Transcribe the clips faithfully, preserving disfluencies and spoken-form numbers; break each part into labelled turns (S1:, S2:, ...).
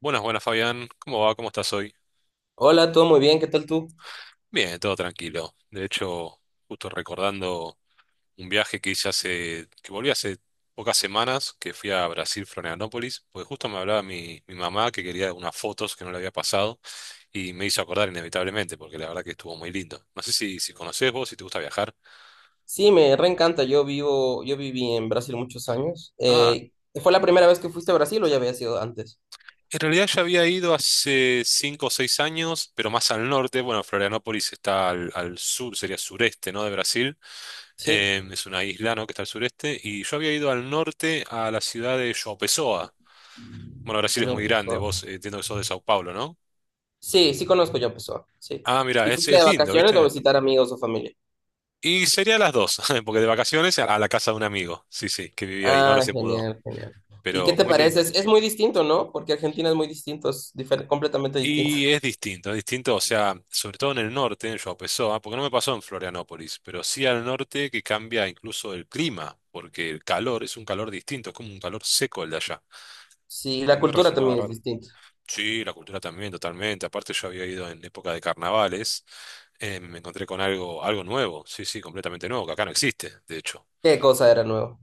S1: Buenas, buenas Fabián, ¿cómo va? ¿Cómo estás hoy?
S2: Hola, todo muy bien, ¿qué tal tú?
S1: Bien, todo tranquilo. De hecho, justo recordando un viaje que hice hace, que volví hace pocas semanas, que fui a Brasil, Florianópolis, porque justo me hablaba mi, mi mamá que quería unas fotos que no le había pasado y me hizo acordar inevitablemente, porque la verdad que estuvo muy lindo. No sé si, si conocés vos, si te gusta viajar.
S2: Sí, me reencanta, yo vivo, yo viví en Brasil muchos años.
S1: Ah,
S2: Eh, ¿fue la primera vez que fuiste a Brasil o ya había sido antes?
S1: en realidad ya había ido hace cinco o seis años, pero más al norte. Bueno, Florianópolis está al, al sur, sería sureste, ¿no? De Brasil.
S2: Sí,
S1: Eh, es una isla, ¿no? Que está al sureste, y yo había ido al norte a la ciudad de João Pessoa. Bueno, Brasil es
S2: yo
S1: muy grande,
S2: Pessoa.
S1: vos, eh, entiendo que sos de Sao Paulo, ¿no?
S2: Sí, sí conozco yo Pessoa, sí.
S1: Ah, mira,
S2: ¿Y
S1: es,
S2: fuiste
S1: es
S2: de
S1: lindo,
S2: vacaciones o a
S1: ¿viste?
S2: visitar amigos o familia?
S1: Y sería las dos, porque de vacaciones a la casa de un amigo, sí, sí, que vivía ahí, ahora
S2: Ah,
S1: se mudó,
S2: genial, genial. ¿Y qué
S1: pero
S2: te
S1: muy
S2: parece?
S1: lindo.
S2: Es, es muy distinto, ¿no? Porque Argentina es muy distinto, es difer- completamente distinto.
S1: Y es distinto, es distinto, o sea, sobre todo en el norte, en João Pessoa, porque no me pasó en Florianópolis, pero sí al norte que cambia incluso el clima, porque el calor es un calor distinto, es como un calor seco el de allá.
S2: Sí,
S1: A
S2: la
S1: mí me
S2: cultura
S1: resultaba
S2: también es
S1: raro.
S2: distinta.
S1: Sí, la cultura también, totalmente. Aparte, yo había ido en época de carnavales. Eh, me encontré con algo, algo nuevo, sí, sí, completamente nuevo, que acá no existe, de hecho.
S2: ¿Qué cosa era nuevo?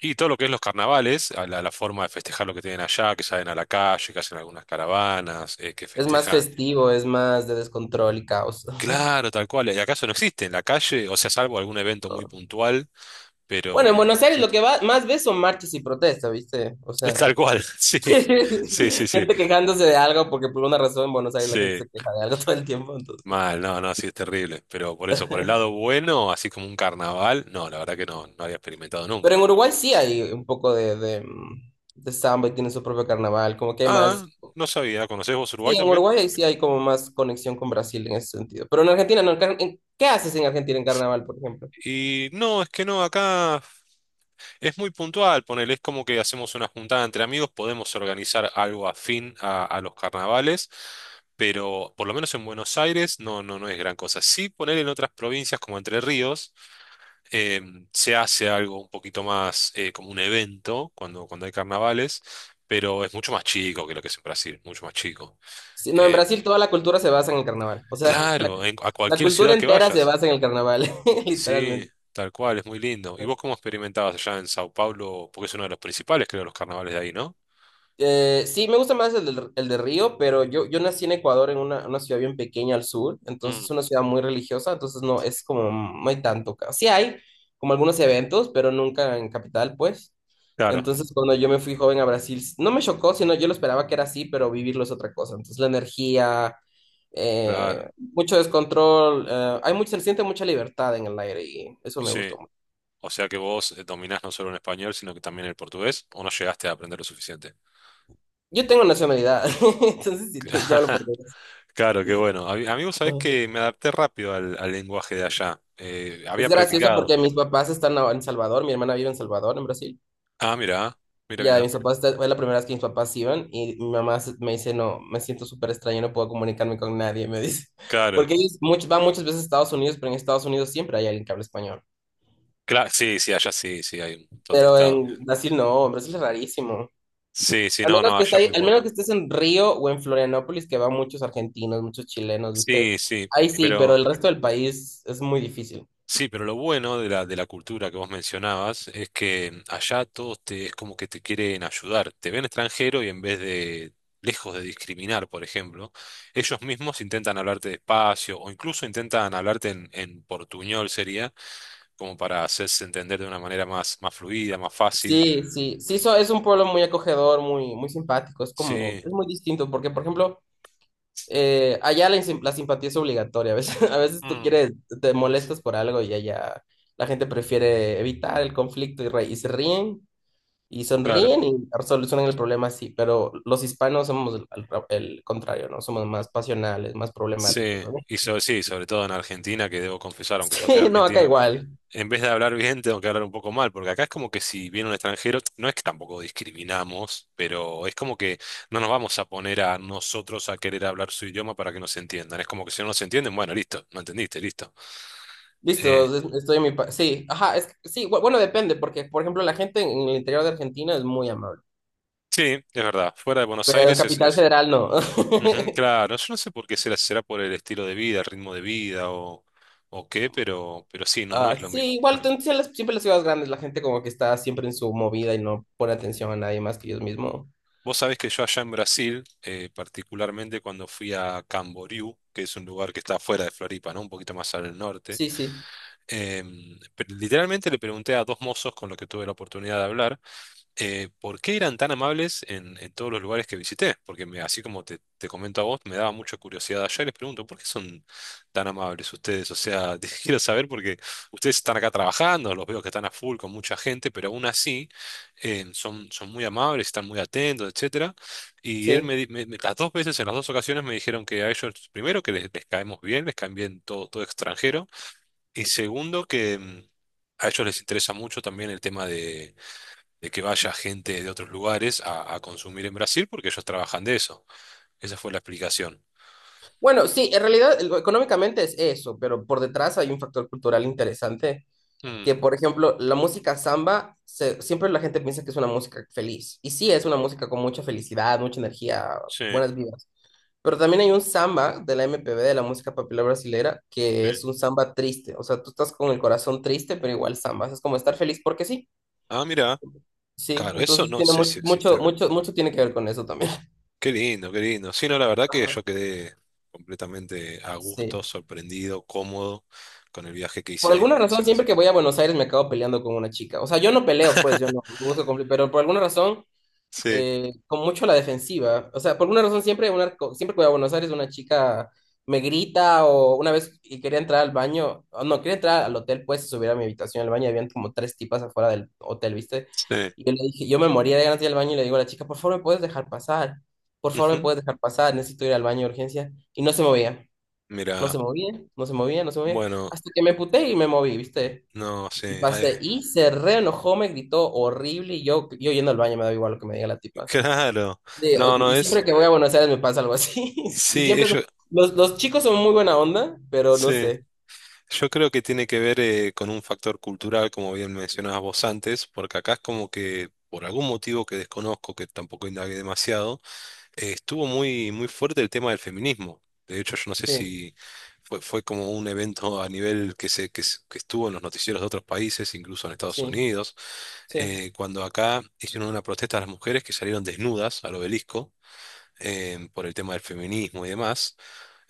S1: Y todo lo que es los carnavales, a la, la forma de festejar lo que tienen allá, que salen a la calle, que hacen algunas caravanas, eh, que
S2: Es más
S1: festejan.
S2: festivo, es más de descontrol y caos.
S1: Claro, tal cual. Y acaso no existe en la calle, o sea, salvo algún evento muy puntual,
S2: Bueno, en
S1: pero
S2: Buenos Aires lo
S1: existe.
S2: que va, más ves son marchas y protestas, ¿viste? O
S1: Es tal
S2: sea,
S1: cual, sí, sí, sí, sí,
S2: gente quejándose de algo porque por una razón en Buenos Aires la gente
S1: sí.
S2: se queja de algo todo el tiempo, entonces.
S1: Mal, no, no, sí es terrible. Pero por eso, por el lado bueno, así como un carnaval, no, la verdad que no, no había experimentado
S2: Pero en
S1: nunca.
S2: Uruguay sí hay un poco de, de, mm, de samba y tiene su propio carnaval, como que hay más.
S1: Ah, no sabía, ¿conocés vos Uruguay
S2: Sí, en
S1: también?
S2: Uruguay ahí sí hay como más conexión con Brasil en ese sentido. Pero en Argentina no. En car- en- ¿qué haces en Argentina en carnaval, por ejemplo?
S1: Y no, es que no, acá es muy puntual, ponele, es como que hacemos una juntada entre amigos, podemos organizar algo afín a, a los carnavales, pero por lo menos en Buenos Aires no, no, no es gran cosa. Sí, poner en otras provincias como Entre Ríos. Em, se hace algo un poquito más, eh, como un evento cuando, cuando hay carnavales, pero es mucho más chico que lo que es en Brasil, mucho más chico.
S2: Sí, no, en
S1: Eh,
S2: Brasil toda la cultura se basa en el carnaval. O sea, la,
S1: claro, en- a
S2: la
S1: cualquier
S2: cultura
S1: ciudad que
S2: entera se
S1: vayas.
S2: basa en el carnaval,
S1: Sí,
S2: literalmente.
S1: tal cual, es muy lindo. ¿Y vos cómo experimentabas allá en Sao Paulo? Porque es uno de los principales, creo, los carnavales de ahí, ¿no?
S2: Eh, sí, me gusta más el de, el de Río, pero yo, yo nací en Ecuador, en una, una ciudad bien pequeña al sur,
S1: Mm,
S2: entonces una ciudad muy religiosa, entonces no, es como, no hay tanto. ca- Sí hay como algunos eventos, pero nunca en capital, pues.
S1: claro,
S2: Entonces, cuando yo me fui joven a Brasil, s- no me chocó, sino yo lo esperaba que era así, pero vivirlo es otra cosa. Entonces, la energía, eh,
S1: claro,
S2: mucho descontrol, eh, hay mucho, se siente mucha libertad en el aire y eso me
S1: sí.
S2: gustó mucho.
S1: O sea que vos, eh, dominás no solo el español, sino que también el portugués, o no llegaste a aprender lo suficiente.
S2: Yo tengo nacionalidad, entonces sí, te, sí hablo por
S1: Claro, qué bueno. A mí, amigo, sabés
S2: mí.
S1: que me adapté rápido al, al lenguaje de allá. Eh, había
S2: Es gracioso
S1: practicado.
S2: porque mis papás están ahora en Salvador, mi hermana vive en Salvador, en Brasil.
S1: Ah, mira, mira,
S2: Y a mis
S1: mira.
S2: papás esta- fue la primera vez que mis papás iban y mi mamá se- me dice, no, me siento súper extraña, no puedo comunicarme con nadie, me dice.
S1: Claro.
S2: Porque ellos much- van muchas veces a Estados Unidos, pero en Estados Unidos siempre hay alguien que habla español.
S1: Cla- sí, sí, allá sí, sí, hay un montón de
S2: Pero
S1: estados. que-
S2: en Brasil no, en Brasil es rarísimo.
S1: Sí, sí,
S2: Al
S1: no,
S2: menos
S1: no,
S2: que está
S1: allá
S2: ahí-
S1: muy
S2: al menos que
S1: poco.
S2: estés en Río o en Florianópolis, que van muchos argentinos, muchos chilenos, ¿viste?
S1: Sí, sí,
S2: Ahí sí, pero
S1: pero
S2: el resto del país es muy difícil.
S1: sí, pero lo bueno de la, de la cultura que vos mencionabas es que allá todos te, es como que te quieren ayudar. Te ven extranjero y en vez de, lejos de discriminar, por ejemplo, ellos mismos intentan hablarte despacio o incluso intentan hablarte en, en portuñol, sería como para hacerse entender de una manera más, más fluida, más fácil.
S2: Sí, sí, sí, so- es un pueblo muy acogedor, muy, muy simpático, es como,
S1: Sí,
S2: es muy distinto, porque por ejemplo, eh, allá la, insim- la simpatía es obligatoria, a veces, a veces tú
S1: mm,
S2: quieres, te molestas por algo y allá la gente prefiere evitar el conflicto y, re- y se ríen y
S1: claro.
S2: sonríen y solucionan el problema así, pero los hispanos somos el, al el contrario, ¿no? Somos más pasionales, más problemáticos,
S1: Sí,
S2: ¿no?
S1: y sobre, sí, sobre todo en Argentina, que debo confesar, aunque yo soy
S2: Sí, no, acá
S1: argentino,
S2: igual.
S1: en vez de hablar bien, tengo que hablar un poco mal, porque acá es como que si viene un extranjero, no es que tampoco discriminamos, pero es como que no nos vamos a poner a nosotros a querer hablar su idioma para que nos entiendan. Es como que si no nos entienden, bueno, listo, no entendiste, listo. Eh,
S2: Listo, es- estoy en mi... pa- Sí, ajá, es que- sí, bu- bueno, depende, porque, por ejemplo, la gente en el interior de Argentina es muy amable.
S1: sí, es verdad, fuera de Buenos
S2: Pero en
S1: Aires es,
S2: Capital
S1: es
S2: Federal no.
S1: Ujú, claro, yo no sé por qué será, será por el estilo de vida, el ritmo de vida o, o qué, pero, pero sí, no, no
S2: Ah,
S1: es lo
S2: sí,
S1: mismo. No
S2: igual
S1: es lo
S2: ten-
S1: mismo.
S2: sí, las- siempre las ciudades grandes, la gente como que está siempre en su movida y no pone atención a nadie más que ellos mismos.
S1: Vos sabés que yo allá en Brasil, eh, particularmente cuando fui a Camboriú, que es un lugar que está fuera de Floripa, ¿no? Un poquito más al norte.
S2: Sí, sí,
S1: Em, pe- literalmente le pregunté a dos mozos con los que tuve la oportunidad de hablar, eh, ¿por qué eran tan amables en, en todos los lugares que visité? Porque me- así como te, te comento a vos, me daba mucha curiosidad allá y les pregunto, ¿por qué son tan amables ustedes? O sea, te quiero saber porque ustedes están acá trabajando, los veo que están a full con mucha gente, pero aún así, eh, son, son muy amables, están muy atentos, etcétera. Y él
S2: sí.
S1: me, di- me- me- las dos veces, en las dos ocasiones me dijeron que a ellos, primero, que les, les caemos bien, les caen bien todo, todo extranjero, y segundo, que... mm, A ellos les interesa mucho también el tema de que vaya gente de otros lugares a, a consumir en Brasil porque ellos trabajan de eso. Esa fue la explicación.
S2: Bueno, sí, en realidad el- económicamente es eso, pero por detrás hay un factor cultural interesante,
S1: Mm,
S2: que por ejemplo, la música samba, se- siempre la gente piensa que es una música feliz. Y sí, es una música con mucha felicidad, mucha energía,
S1: sí,
S2: buenas vidas. Pero también hay un samba de la M P B, de la música popular brasilera, que
S1: sí.
S2: es un samba triste. O sea, tú estás con el corazón triste, pero igual samba. Es como estar feliz porque sí.
S1: Ah, mira,
S2: Sí,
S1: claro, eso
S2: entonces
S1: no
S2: tiene
S1: sé si
S2: mu-
S1: existe
S2: mucho,
S1: acá.
S2: mucho, mucho tiene que ver con eso también.
S1: Qué lindo, qué lindo. Sí, no, la verdad que
S2: Ajá.
S1: yo quedé completamente a gusto,
S2: Sí.
S1: sorprendido, cómodo con el viaje que
S2: Por alguna
S1: hice, hice
S2: razón,
S1: a
S2: siempre
S1: Brasil.
S2: que voy a Buenos Aires me acabo peleando con una chica. O sea, yo no peleo, pues, yo no busco conflicto, pero por alguna razón
S1: Sí,
S2: eh, con mucho a la defensiva. O sea, por alguna razón siempre, una, siempre que voy a Buenos Aires una chica me grita o una vez y quería entrar al baño, o no, quería entrar al hotel, pues subir a mi habitación al baño, y habían como tres tipas afuera del hotel, ¿viste?
S1: sí.
S2: Y yo le dije, yo me moría de ganas de ir al baño y le digo a la chica, por favor, ¿me puedes dejar pasar? Por favor, ¿me
S1: Ujú.
S2: puedes dejar pasar? Necesito ir al baño de urgencia. Y no se movía, no se
S1: Mira,
S2: movía, no se movía, no se movía,
S1: bueno,
S2: hasta que me puté y me moví, ¿viste?
S1: no
S2: Y
S1: sé. Ay,
S2: pasé, y se reenojó, me gritó horrible, y yo, yo yendo al baño me da igual lo que me diga la tipa.
S1: claro.
S2: Sí, o-
S1: No, no
S2: y siempre
S1: es.
S2: que voy a Buenos Aires me pasa algo así. Y
S1: Sí,
S2: siempre son-
S1: ellos.
S2: los, los chicos son muy buena onda, pero no
S1: Sí.
S2: sé.
S1: Yo creo que tiene que ver, eh, con un factor cultural, como bien mencionabas vos antes, porque acá es como que, por algún motivo que desconozco, que tampoco indagué demasiado, eh, estuvo muy, muy fuerte el tema del feminismo. De hecho, yo no sé
S2: Sí,
S1: si fue, fue como un evento a nivel que, se, que, se- que estuvo en los noticieros de otros países, incluso en Estados
S2: sí,
S1: Unidos,
S2: sí,
S1: eh, cuando acá hicieron una protesta a las mujeres que salieron desnudas al obelisco, eh, por el tema del feminismo y demás.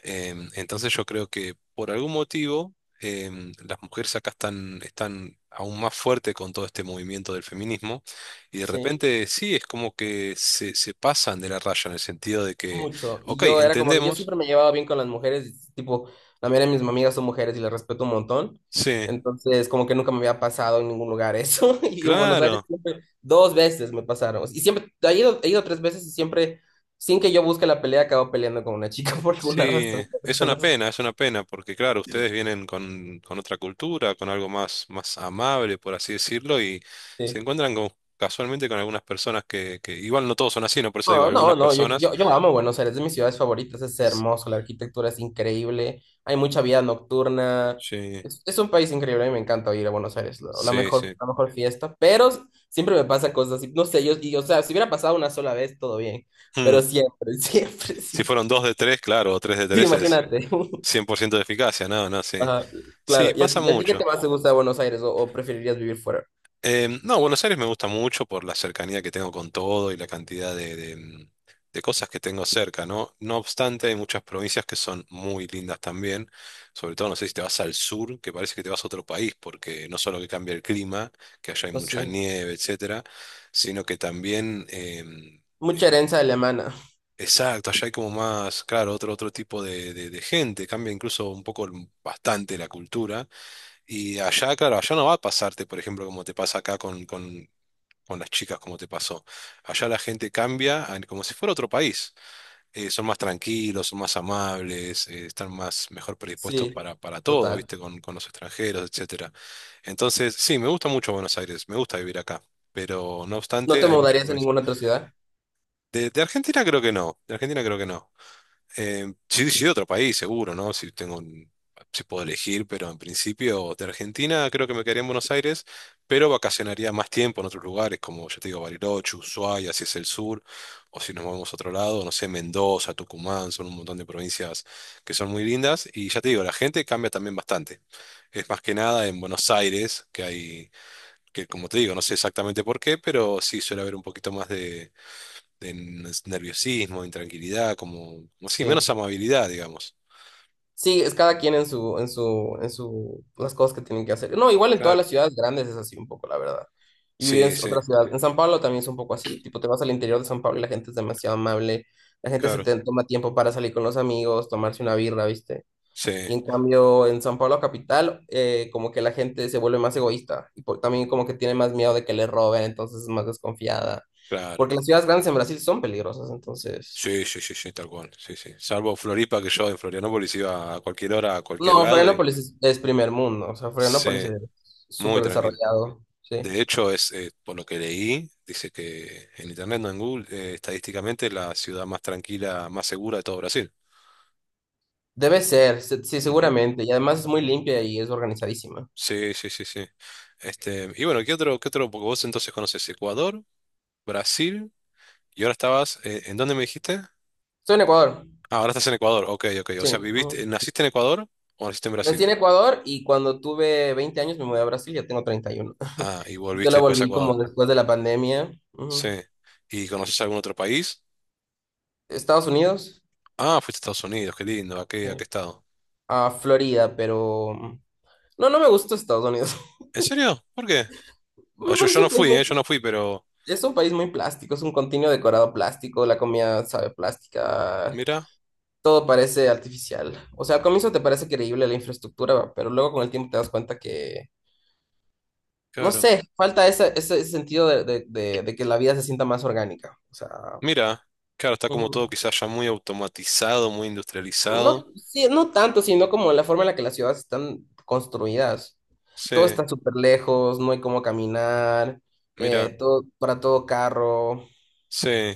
S1: Em, entonces yo creo que por algún motivo, em, las mujeres acá están, están aún más fuertes con todo este movimiento del feminismo y de
S2: sí,
S1: repente sí, es como que se, se pasan de la raya en el sentido de que,
S2: mucho. Y
S1: ok,
S2: yo era como que yo
S1: entendemos,
S2: siempre me llevaba bien con las mujeres, tipo, la mayoría de mis amigas son mujeres y las respeto un montón.
S1: sí,
S2: Entonces, como que nunca me había pasado en ningún lugar eso. Y en Buenos Aires
S1: claro,
S2: siempre, dos veces me pasaron. Y siempre, he ido, he ido tres veces y siempre, sin que yo busque la pelea, acabo peleando con una chica por alguna
S1: sí,
S2: razón que
S1: es una
S2: desconozco.
S1: pena, es una pena porque claro, ustedes vienen con, con otra cultura, con algo más, más amable, por así decirlo, y se
S2: Sí.
S1: encuentran con- casualmente con algunas personas que, que igual no todos son así, no por eso digo
S2: No, no,
S1: algunas
S2: no, yo,
S1: personas.
S2: yo, yo amo Buenos Aires, es de mis ciudades favoritas, es hermoso, la arquitectura es increíble, hay mucha vida nocturna,
S1: Sí,
S2: es, es un país increíble, a mí me encanta ir a Buenos Aires, lo- la
S1: sí,
S2: mejor,
S1: sí.
S2: la mejor fiesta, pero siempre me pasan cosas así, no sé, yo, y, o sea, si hubiera pasado una sola vez, todo bien,
S1: Hmm.
S2: pero siempre, siempre,
S1: Si
S2: siempre,
S1: fueron dos de tres, claro, o tres de
S2: sí,
S1: tres es
S2: imagínate.
S1: cien por ciento de eficacia, no, no, sí.
S2: Ajá, claro,
S1: Sí,
S2: ¿y a
S1: pasa
S2: ti, y a ti qué te
S1: mucho.
S2: más te gusta de Buenos Aires o, o preferirías vivir fuera?
S1: Em, no, Buenos Aires me gusta mucho por la cercanía que tengo con todo y la cantidad de, de, mm, de cosas que tengo cerca, ¿no? No obstante, hay muchas provincias que son muy lindas también, sobre todo, no sé si te vas al sur, que parece que te vas a otro país, porque no solo que cambia el clima, que allá hay
S2: No
S1: mucha
S2: sé,
S1: nieve, etcétera, sino que también... em,
S2: mucha
S1: eh,
S2: herencia alemana,
S1: Exacto, allá hay como más, claro, otro, otro tipo de, de- de gente, cambia incluso un poco el- bastante la cultura. Y allá, claro, allá no va a pasarte, por ejemplo, como te pasa acá con, con, con las chicas, como te pasó. Allá la gente cambia a- como si fuera otro país. Eh, son más tranquilos, son más amables, eh, están más mejor predispuestos
S2: sí,
S1: para, para todo,
S2: total,
S1: ¿viste? Con, con los extranjeros, etcétera. Entonces, sí, me gusta mucho Buenos Aires, me gusta vivir acá. Pero no
S2: ¿no te
S1: obstante, hay mucha
S2: mudarías a
S1: provincia.
S2: ninguna otra ciudad?
S1: De, de Argentina creo que no, de Argentina creo que no. Eh, sí, sí, de otro país, seguro, ¿no? Si tengo un- si puedo elegir, pero en principio de Argentina creo que me quedaría en Buenos Aires, pero vacacionaría más tiempo en otros lugares, como ya te digo, Bariloche, Ushuaia, si es el sur, o si nos vamos a otro lado, no sé, Mendoza, Tucumán, son un montón de provincias que son muy lindas, y ya te digo, la gente cambia también bastante. Es más que nada en Buenos Aires, que hay, que como te digo, no sé exactamente por qué, pero sí suele haber un poquito más de nerviosismo, de intranquilidad, como, como sí, menos
S2: Sí.
S1: amabilidad, digamos.
S2: Sí, es cada quien en su, en su, en su, las cosas que tienen que hacer. No, igual en todas
S1: Claro.
S2: las ciudades grandes es así un poco, la verdad. Y vivir en
S1: Sí, sí,
S2: otra ciudad. En San Pablo también es un poco así. Tipo, te vas al interior de San Pablo y la gente es demasiado amable. La gente se
S1: claro.
S2: te toma tiempo para salir con los amigos, tomarse una birra, ¿viste?
S1: Sí,
S2: Y en cambio, en San Pablo capital, eh, como que la gente se vuelve más egoísta. Y por- también como que tiene más miedo de que le roben, entonces es más desconfiada.
S1: claro.
S2: Porque las ciudades grandes en Brasil son peligrosas, entonces.
S1: Sí, sí, sí, sí, tal cual. Sí, sí. Salvo Floripa, que yo en Florianópolis iba a cualquier hora, a cualquier
S2: No,
S1: lado y
S2: Florianópolis es, es primer mundo, o sea, Florianópolis
S1: sí,
S2: es
S1: muy
S2: súper
S1: tranquilo.
S2: desarrollado, sí.
S1: De hecho, es eh, por lo que leí, dice que en internet, no en Google, eh, estadísticamente es la ciudad más tranquila, más segura de todo Brasil.
S2: Debe ser, se- sí,
S1: Ujú.
S2: seguramente, y además es muy limpia y es organizadísima.
S1: Sí, sí, sí, sí. Este, y bueno, ¿qué otro, qué otro? Porque vos entonces conoces Ecuador, Brasil. Y ahora estabas, eh, ¿en dónde me dijiste?
S2: Estoy en Ecuador,
S1: Ah, ahora estás en Ecuador. Ok, ok. O
S2: sí.
S1: sea,
S2: Ujú.
S1: viviste, ¿naciste en Ecuador o naciste en
S2: Nací
S1: Brasil?
S2: en Ecuador y cuando tuve veinte años me mudé a Brasil, ya tengo treinta y uno.
S1: Ah, y
S2: Yo
S1: volviste
S2: la
S1: después a
S2: volví
S1: Ecuador.
S2: como después de la pandemia.
S1: Sí.
S2: Ujú.
S1: ¿Y conoces algún otro país?
S2: Estados Unidos,
S1: Ah, fuiste a Estados Unidos, qué lindo. ¿A qué, a qué
S2: sí.
S1: estado?
S2: A Florida, pero. No, no me gusta Estados Unidos.
S1: ¿En serio? ¿Por qué? O
S2: Me
S1: yo, yo
S2: parece
S1: no
S2: un país
S1: fui, ¿eh? Yo
S2: muy,
S1: no fui, pero…
S2: es un país muy plástico, es un continuo decorado plástico, la comida sabe plástica,
S1: Mira,
S2: todo parece artificial. O sea, al comienzo te parece creíble la infraestructura, pero luego con el tiempo te das cuenta que, no
S1: claro.
S2: sé, falta ese, ese, ese sentido de, de- de- de que la vida se sienta más orgánica. O sea,
S1: Mira, claro, está como
S2: ujú.
S1: todo quizás ya muy automatizado, muy industrializado.
S2: No, sí, no tanto, sino como la forma en la que las ciudades están construidas.
S1: Sí,
S2: Todo está súper lejos, no hay cómo caminar,
S1: mira,
S2: eh, todo, para todo carro.
S1: sí.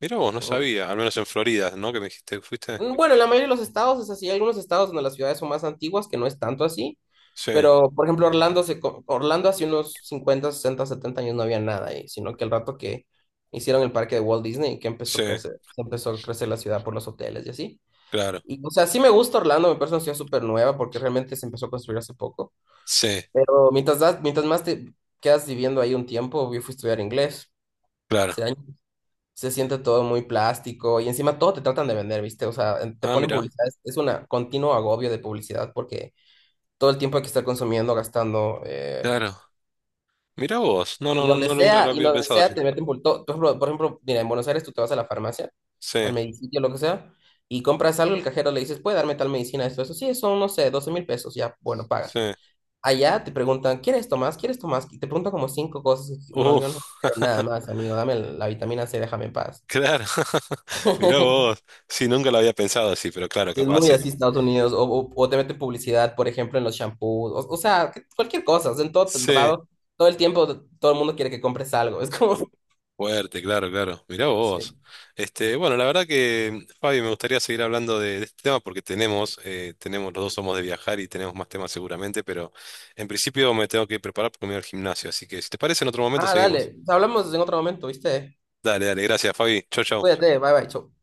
S1: Mira vos, no
S2: ¿No?
S1: sabía, al menos en Florida, ¿no? ¿Que me dijiste, fuiste?
S2: Mm. Bueno, en la mayoría de los estados es así. Hay algunos estados donde las ciudades son más antiguas que no es tanto así.
S1: Sí,
S2: Pero, por ejemplo, Orlando, se, co- Orlando hace unos cincuenta, sesenta, setenta años no había nada ahí, sino que el rato que hicieron el parque de Walt Disney, que empezó
S1: sí,
S2: a crecer, se empezó a crecer la ciudad por los hoteles y así.
S1: claro.
S2: Y, o sea, sí me gusta Orlando, me parece una ciudad súper nueva porque realmente se empezó a construir hace poco.
S1: Sí,
S2: Pero mientras, das- mientras más te quedas viviendo ahí un tiempo, yo fui a estudiar inglés.
S1: claro.
S2: Hace se siente todo muy plástico y encima todo te tratan de vender, ¿viste? O sea, en- te
S1: Ah,
S2: ponen
S1: mira,
S2: publicidad, es es una continuo agobio de publicidad porque todo el tiempo hay que estar consumiendo, gastando, eh,
S1: claro. Mira vos. No, no,
S2: y
S1: no,
S2: donde
S1: no, nunca lo
S2: sea, y
S1: había
S2: donde
S1: pensado
S2: sea
S1: así.
S2: te meten por todo. Por ejemplo, por ejemplo, mira, en Buenos Aires tú te vas a la farmacia,
S1: Sí,
S2: al medicitio, lo que sea, y compras algo, el cajero le dices, ¿puede darme tal medicina, esto, eso? Sí, son, no sé, doce mil pesos, ya, bueno,
S1: sí.
S2: pagas. Allá te preguntan, ¿quieres esto más? ¿Quieres esto más? Y te preguntan como cinco cosas. Y no
S1: Uh,
S2: le digo, no quiero nada más, amigo. Dame la vitamina C, déjame en paz.
S1: claro. Mira vos. Sí, nunca lo había pensado así, pero claro,
S2: Sí, es
S1: capaz
S2: muy
S1: es.
S2: así Estados Unidos, o, o, o te meten publicidad, por ejemplo, en los shampoos, o, o sea, que- cualquier cosa, o sea, en todo el
S1: Sí,
S2: lado todo el tiempo, todo el mundo quiere que compres algo, es como.
S1: fuerte, claro, claro. Mira vos.
S2: Sí.
S1: Este, bueno, la verdad que, Fabi, me gustaría seguir hablando de, de este tema porque tenemos, eh, tenemos, los dos somos de viajar y tenemos más temas seguramente, pero en principio me tengo que preparar porque me voy al gimnasio. Así que, si te parece, en otro momento
S2: Ah,
S1: seguimos.
S2: dale, hablamos en otro momento, ¿viste?
S1: Dale, dale, gracias, Fabi. Chau, chau.
S2: Cuídate, bye bye, chau.